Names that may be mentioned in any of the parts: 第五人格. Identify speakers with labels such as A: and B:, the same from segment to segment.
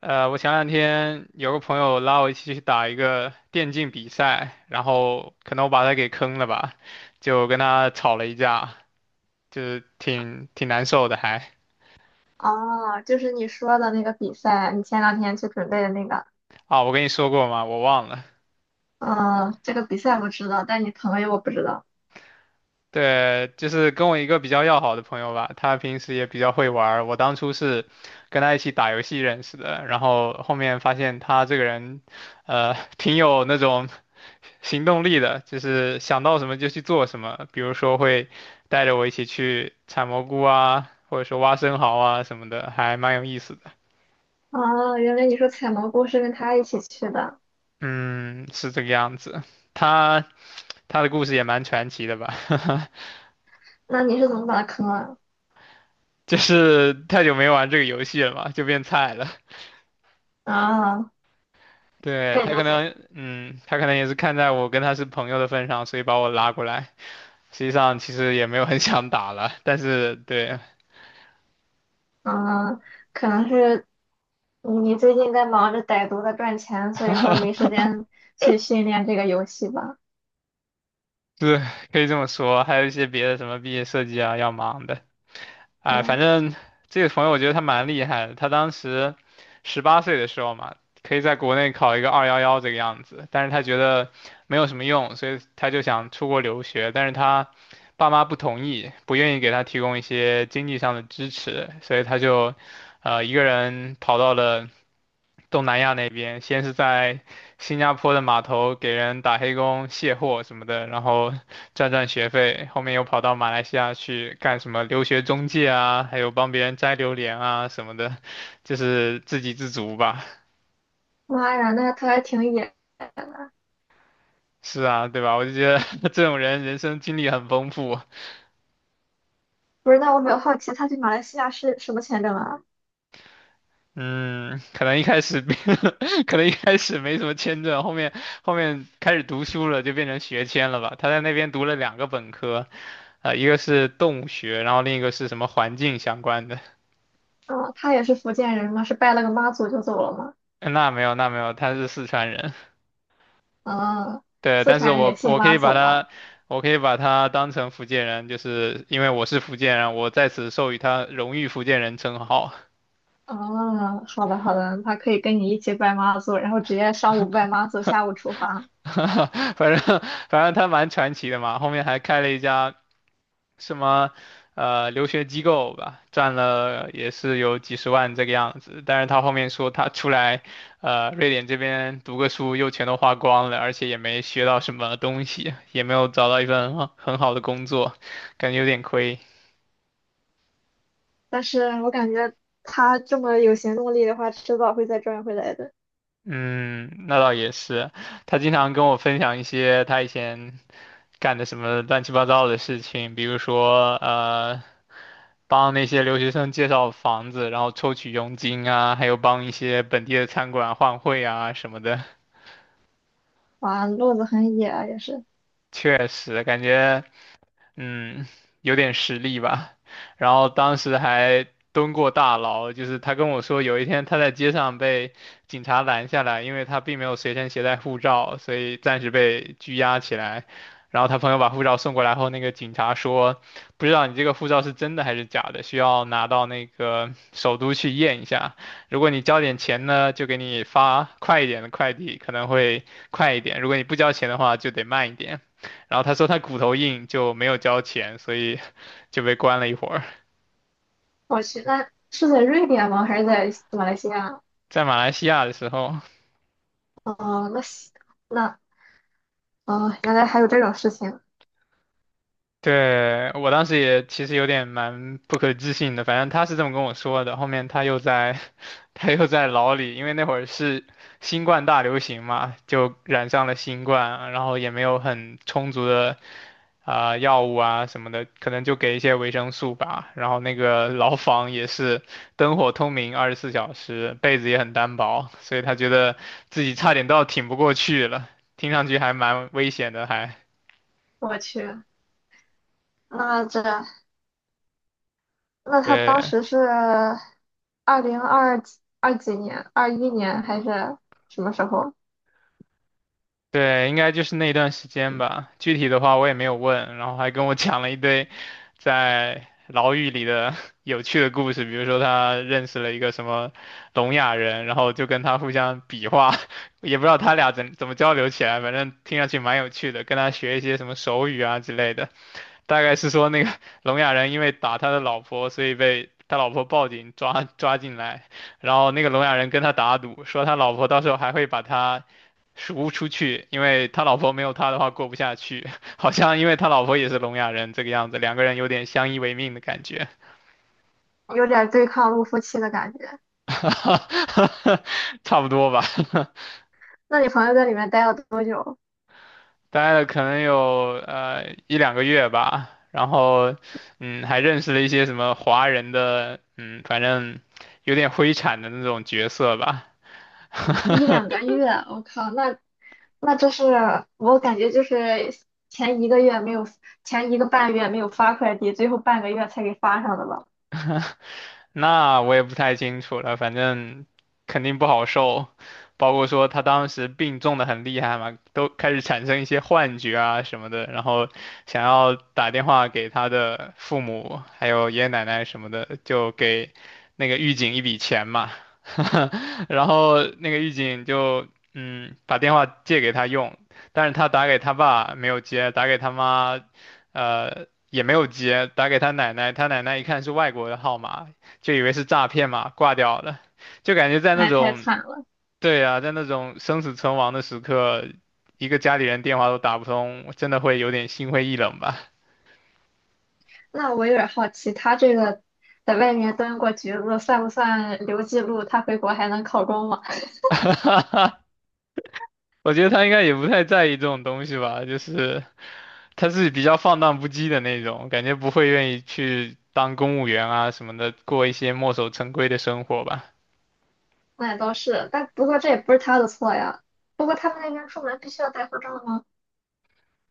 A: 我前两天有个朋友拉我一起去打一个电竞比赛，然后可能我把他给坑了吧，就跟他吵了一架，就是挺难受的还。
B: 哦，就是你说的那个比赛，你前两天去准备的那个，
A: 啊，我跟你说过吗？我忘了。
B: 嗯，这个比赛我知道，但你朋友我不知道。
A: 对，就是跟我一个比较要好的朋友吧，他平时也比较会玩儿，我当初是跟他一起打游戏认识的，然后后面发现他这个人，挺有那种行动力的，就是想到什么就去做什么。比如说会带着我一起去采蘑菇啊，或者说挖生蚝啊什么的，还蛮有意思的。
B: 哦，原来你说采蘑菇是跟他一起去的，
A: 嗯，是这个样子。他他的故事也蛮传奇的吧，
B: 那你是怎么把他坑了？
A: 就是太久没玩这个游戏了嘛，就变菜了。
B: 啊，
A: 对，
B: 可以
A: 他
B: 理
A: 可
B: 解。
A: 能，嗯，他可能也是看在我跟他是朋友的份上，所以把我拉过来。实际上其实也没有很想打了，但是对，
B: 嗯，可能是你最近在忙着歹毒的赚钱，所以说没时 间去训练这个游戏吧？
A: 对，可以这么说，还有一些别的什么毕业设计啊要忙的，哎，
B: 哎，
A: 反正这个朋友我觉得他蛮厉害的，他当时18岁的时候嘛，可以在国内考一个211这个样子，但是他觉得没有什么用，所以他就想出国留学，但是他爸妈不同意，不愿意给他提供一些经济上的支持，所以他就一个人跑到了东南亚那边，先是在新加坡的码头给人打黑工、卸货什么的，然后赚学费，后面又跑到马来西亚去干什么留学中介啊，还有帮别人摘榴莲啊什么的，就是自给自足吧。
B: 妈呀，那他还挺野。
A: 是啊，对吧？我就觉得 这种人人生经历很丰富。
B: 不是，那我比较好奇，他去马来西亚是什么签证啊？
A: 嗯，可能一开始 可能一开始没什么签证，后面开始读书了，就变成学签了吧。他在那边读了两个本科，一个是动物学，然后另一个是什么环境相关的。
B: 嗯，他也是福建人吗？是拜了个妈祖就走了吗？
A: 那没有，那没有，他是四川人。
B: 嗯，
A: 对，
B: 四
A: 但是
B: 川人也
A: 我
B: 信
A: 我可
B: 妈
A: 以把
B: 祖吗？
A: 他，我可以把他当成福建人，就是因为我是福建人，我在此授予他荣誉福建人称号。
B: 哦，好的好的，他可以跟你一起拜妈祖，然后直接上午拜妈祖，下午出发。
A: 反正他蛮传奇的嘛，后面还开了一家什么留学机构吧，赚了也是有几十万这个样子。但是他后面说他出来，瑞典这边读个书又全都花光了，而且也没学到什么东西，也没有找到一份很好的工作，感觉有点亏。
B: 但是我感觉他这么有行动力的话，迟早会再赚回来的。
A: 嗯，那倒也是。他经常跟我分享一些他以前干的什么乱七八糟的事情，比如说帮那些留学生介绍房子，然后抽取佣金啊，还有帮一些本地的餐馆换汇啊什么的。
B: 哇，路子很野啊，也是。
A: 确实，感觉。嗯，有点实力吧。然后当时还蹲过大牢，就是他跟我说，有一天他在街上被警察拦下来，因为他并没有随身携带护照，所以暂时被拘押起来。然后他朋友把护照送过来后，那个警察说，不知道你这个护照是真的还是假的，需要拿到那个首都去验一下。如果你交点钱呢，就给你发快一点的快递，可能会快一点；如果你不交钱的话，就得慢一点。然后他说他骨头硬，就没有交钱，所以 就被关了一会儿。
B: 我去，那是在瑞典吗？还是在马来西亚？
A: 在马来西亚的时候，
B: 哦，那西那哦，原来还有这种事情。
A: 对，我当时也其实有点蛮不可置信的，反正他是这么跟我说的。后面他又在牢里，因为那会儿是新冠大流行嘛，就染上了新冠，然后也没有很充足的啊、药物啊什么的，可能就给一些维生素吧。然后那个牢房也是灯火通明，24小时，被子也很单薄，所以他觉得自己差点都要挺不过去了，听上去还蛮危险的，还
B: 我去，那这那他当
A: 对。
B: 时是二零二二几年，21年还是什么时候？
A: 对，应该就是那段时间吧。具体的话我也没有问，然后还跟我讲了一堆在牢狱里的 有趣的故事，比如说他认识了一个什么聋哑人，然后就跟他互相比划，也不知道他俩怎么交流起来，反正听上去蛮有趣的，跟他学一些什么手语啊之类的。大概是说那个 聋哑人因为打他的老婆，所以被他老婆报警抓进来，然后那个聋哑人跟他打赌，说他老婆到时候还会把他赎出去，因为他老婆没有他的话过不下去，好像因为他老婆也是聋哑人这个样子，两个人有点相依为命的感觉，
B: 有点对抗陆夫期的感觉。
A: 差不多吧，
B: 那你朋友在里面待了多久？
A: 待了可能有1两个月吧，然后嗯还认识了一些什么华人的嗯反正有点灰产的那种角色吧。
B: 一两个月，我靠，那那这是我感觉就是前1个月没有，前1个半月没有发快递，最后半个月才给发上的吧？
A: 那我也不太清楚了，反正肯定不好受，包括说他当时病重的很厉害嘛，都开始产生一些幻觉啊什么的，然后想要打电话给他的父母，还有爷爷奶奶什么的，就给那个狱警一笔钱嘛，然后那个狱警就嗯把电话借给他用，但是他打给他爸没有接，打给他妈，也没有接，打给他奶奶，他奶奶一看是外国的号码，就以为是诈骗嘛，挂掉了。就感觉在
B: 那
A: 那
B: 也太
A: 种，
B: 惨了。
A: 对啊，在那种生死存亡的时刻，一个家里人电话都打不通，我真的会有点心灰意冷吧。
B: 那我有点好奇，他这个在外面蹲过局子，算不算留记录？他回国还能考公吗？
A: 我觉得他应该也不太在意这种东西吧，就是他是比较放荡不羁的那种，感觉不会愿意去当公务员啊什么的，过一些墨守成规的生活吧。
B: 那也倒是，但不过这也不是他的错呀。不过他们那边出门必须要带护照吗？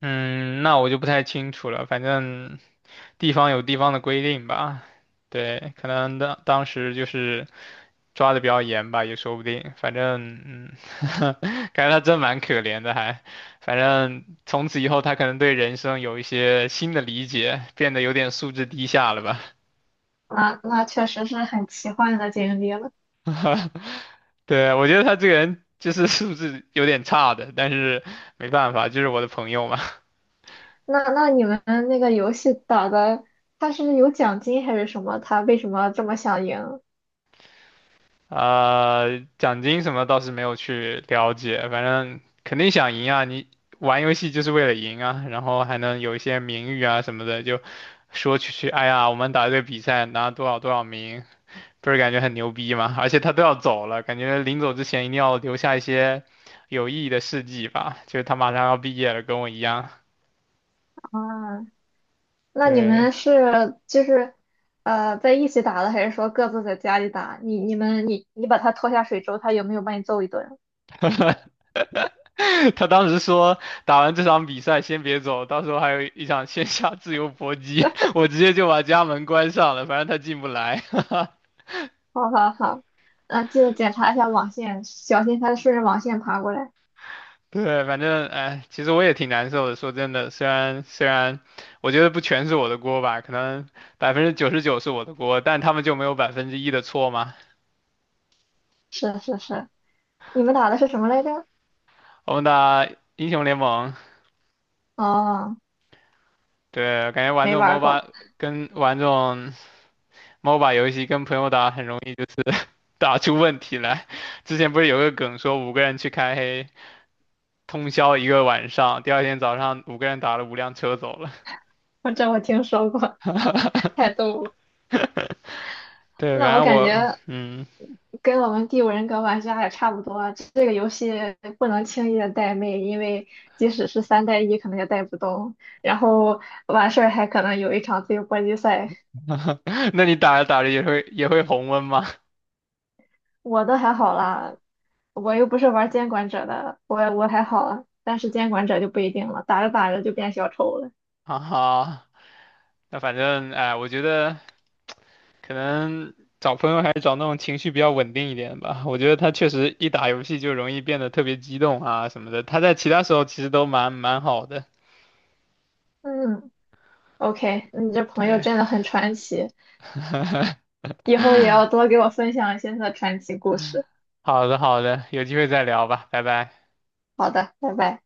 A: 嗯，那我就不太清楚了，反正地方有地方的规定吧。对，可能当时就是抓的比较严吧，也说不定。反正，嗯，感觉他真蛮可怜的还，反正从此以后，他可能对人生有一些新的理解，变得有点素质低下了吧？
B: 那那确实是很奇幻的经历了。
A: 对，我觉得他这个人就是素质有点差的，但是没办法，就是我的朋友嘛。
B: 那你们那个游戏打的，他是有奖金还是什么？他为什么这么想赢
A: 奖金什么倒是没有去了解，反正肯定想赢啊！你玩游戏就是为了赢啊，然后还能有一些名誉啊什么的，就说去，哎呀，我们打这个比赛拿多少多少名，不是感觉很牛逼吗？而且他都要走了，感觉临走之前一定要留下一些有意义的事迹吧，就是他马上要毕业了，跟我一样，
B: 啊？那你
A: 对。
B: 们是就是在一起打的，还是说各自在家里打？你你们你你把他拖下水之后，他有没有把你揍一顿？
A: 他当时说打完这场比赛先别走，到时候还有一场线下自由搏击，我直接就把家门关上了，反正他进不来。
B: 好好好，嗯、记得检查一下网线，小心它顺着网线爬过来。
A: 对，反正哎，其实我也挺难受的。说真的，虽然我觉得不全是我的锅吧，可能99%是我的锅，但他们就没有1%的错嘛。
B: 是是是，你们打的是什么来着？
A: 我们打英雄联盟，
B: 哦，
A: 对，感觉玩
B: 没
A: 这种
B: 玩儿过，
A: MOBA 跟玩这种 MOBA 游戏跟朋友打很容易就是 打出问题来。之前不是有个梗说五个人去开黑。通宵一个晚上，第2天早上五个人打了5辆车走了。
B: 我这我听说过，太逗了。
A: 对，
B: 那
A: 反
B: 我
A: 正
B: 感
A: 我，
B: 觉
A: 嗯，
B: 跟我们《第五人格》玩家也差不多啊，这个游戏不能轻易的带妹，因为即使是3带1，可能也带不动。然后完事儿还可能有一场自由搏击赛。
A: 那你打着打着也会红温吗？
B: 我都还好啦，我又不是玩监管者的，我还好啊，但是监管者就不一定了，打着打着就变小丑了。
A: 哈哈，那反正哎，我觉得可能找朋友还是找那种情绪比较稳定一点吧。我觉得他确实一打游戏就容易变得特别激动啊什么的，他在其他时候其实都蛮好的。
B: 嗯，OK，你这朋友
A: 对，
B: 真的很传奇，以后也要多给我分享一些他的传奇故事。
A: 好的好的，有机会再聊吧，拜拜。
B: 好的，拜拜。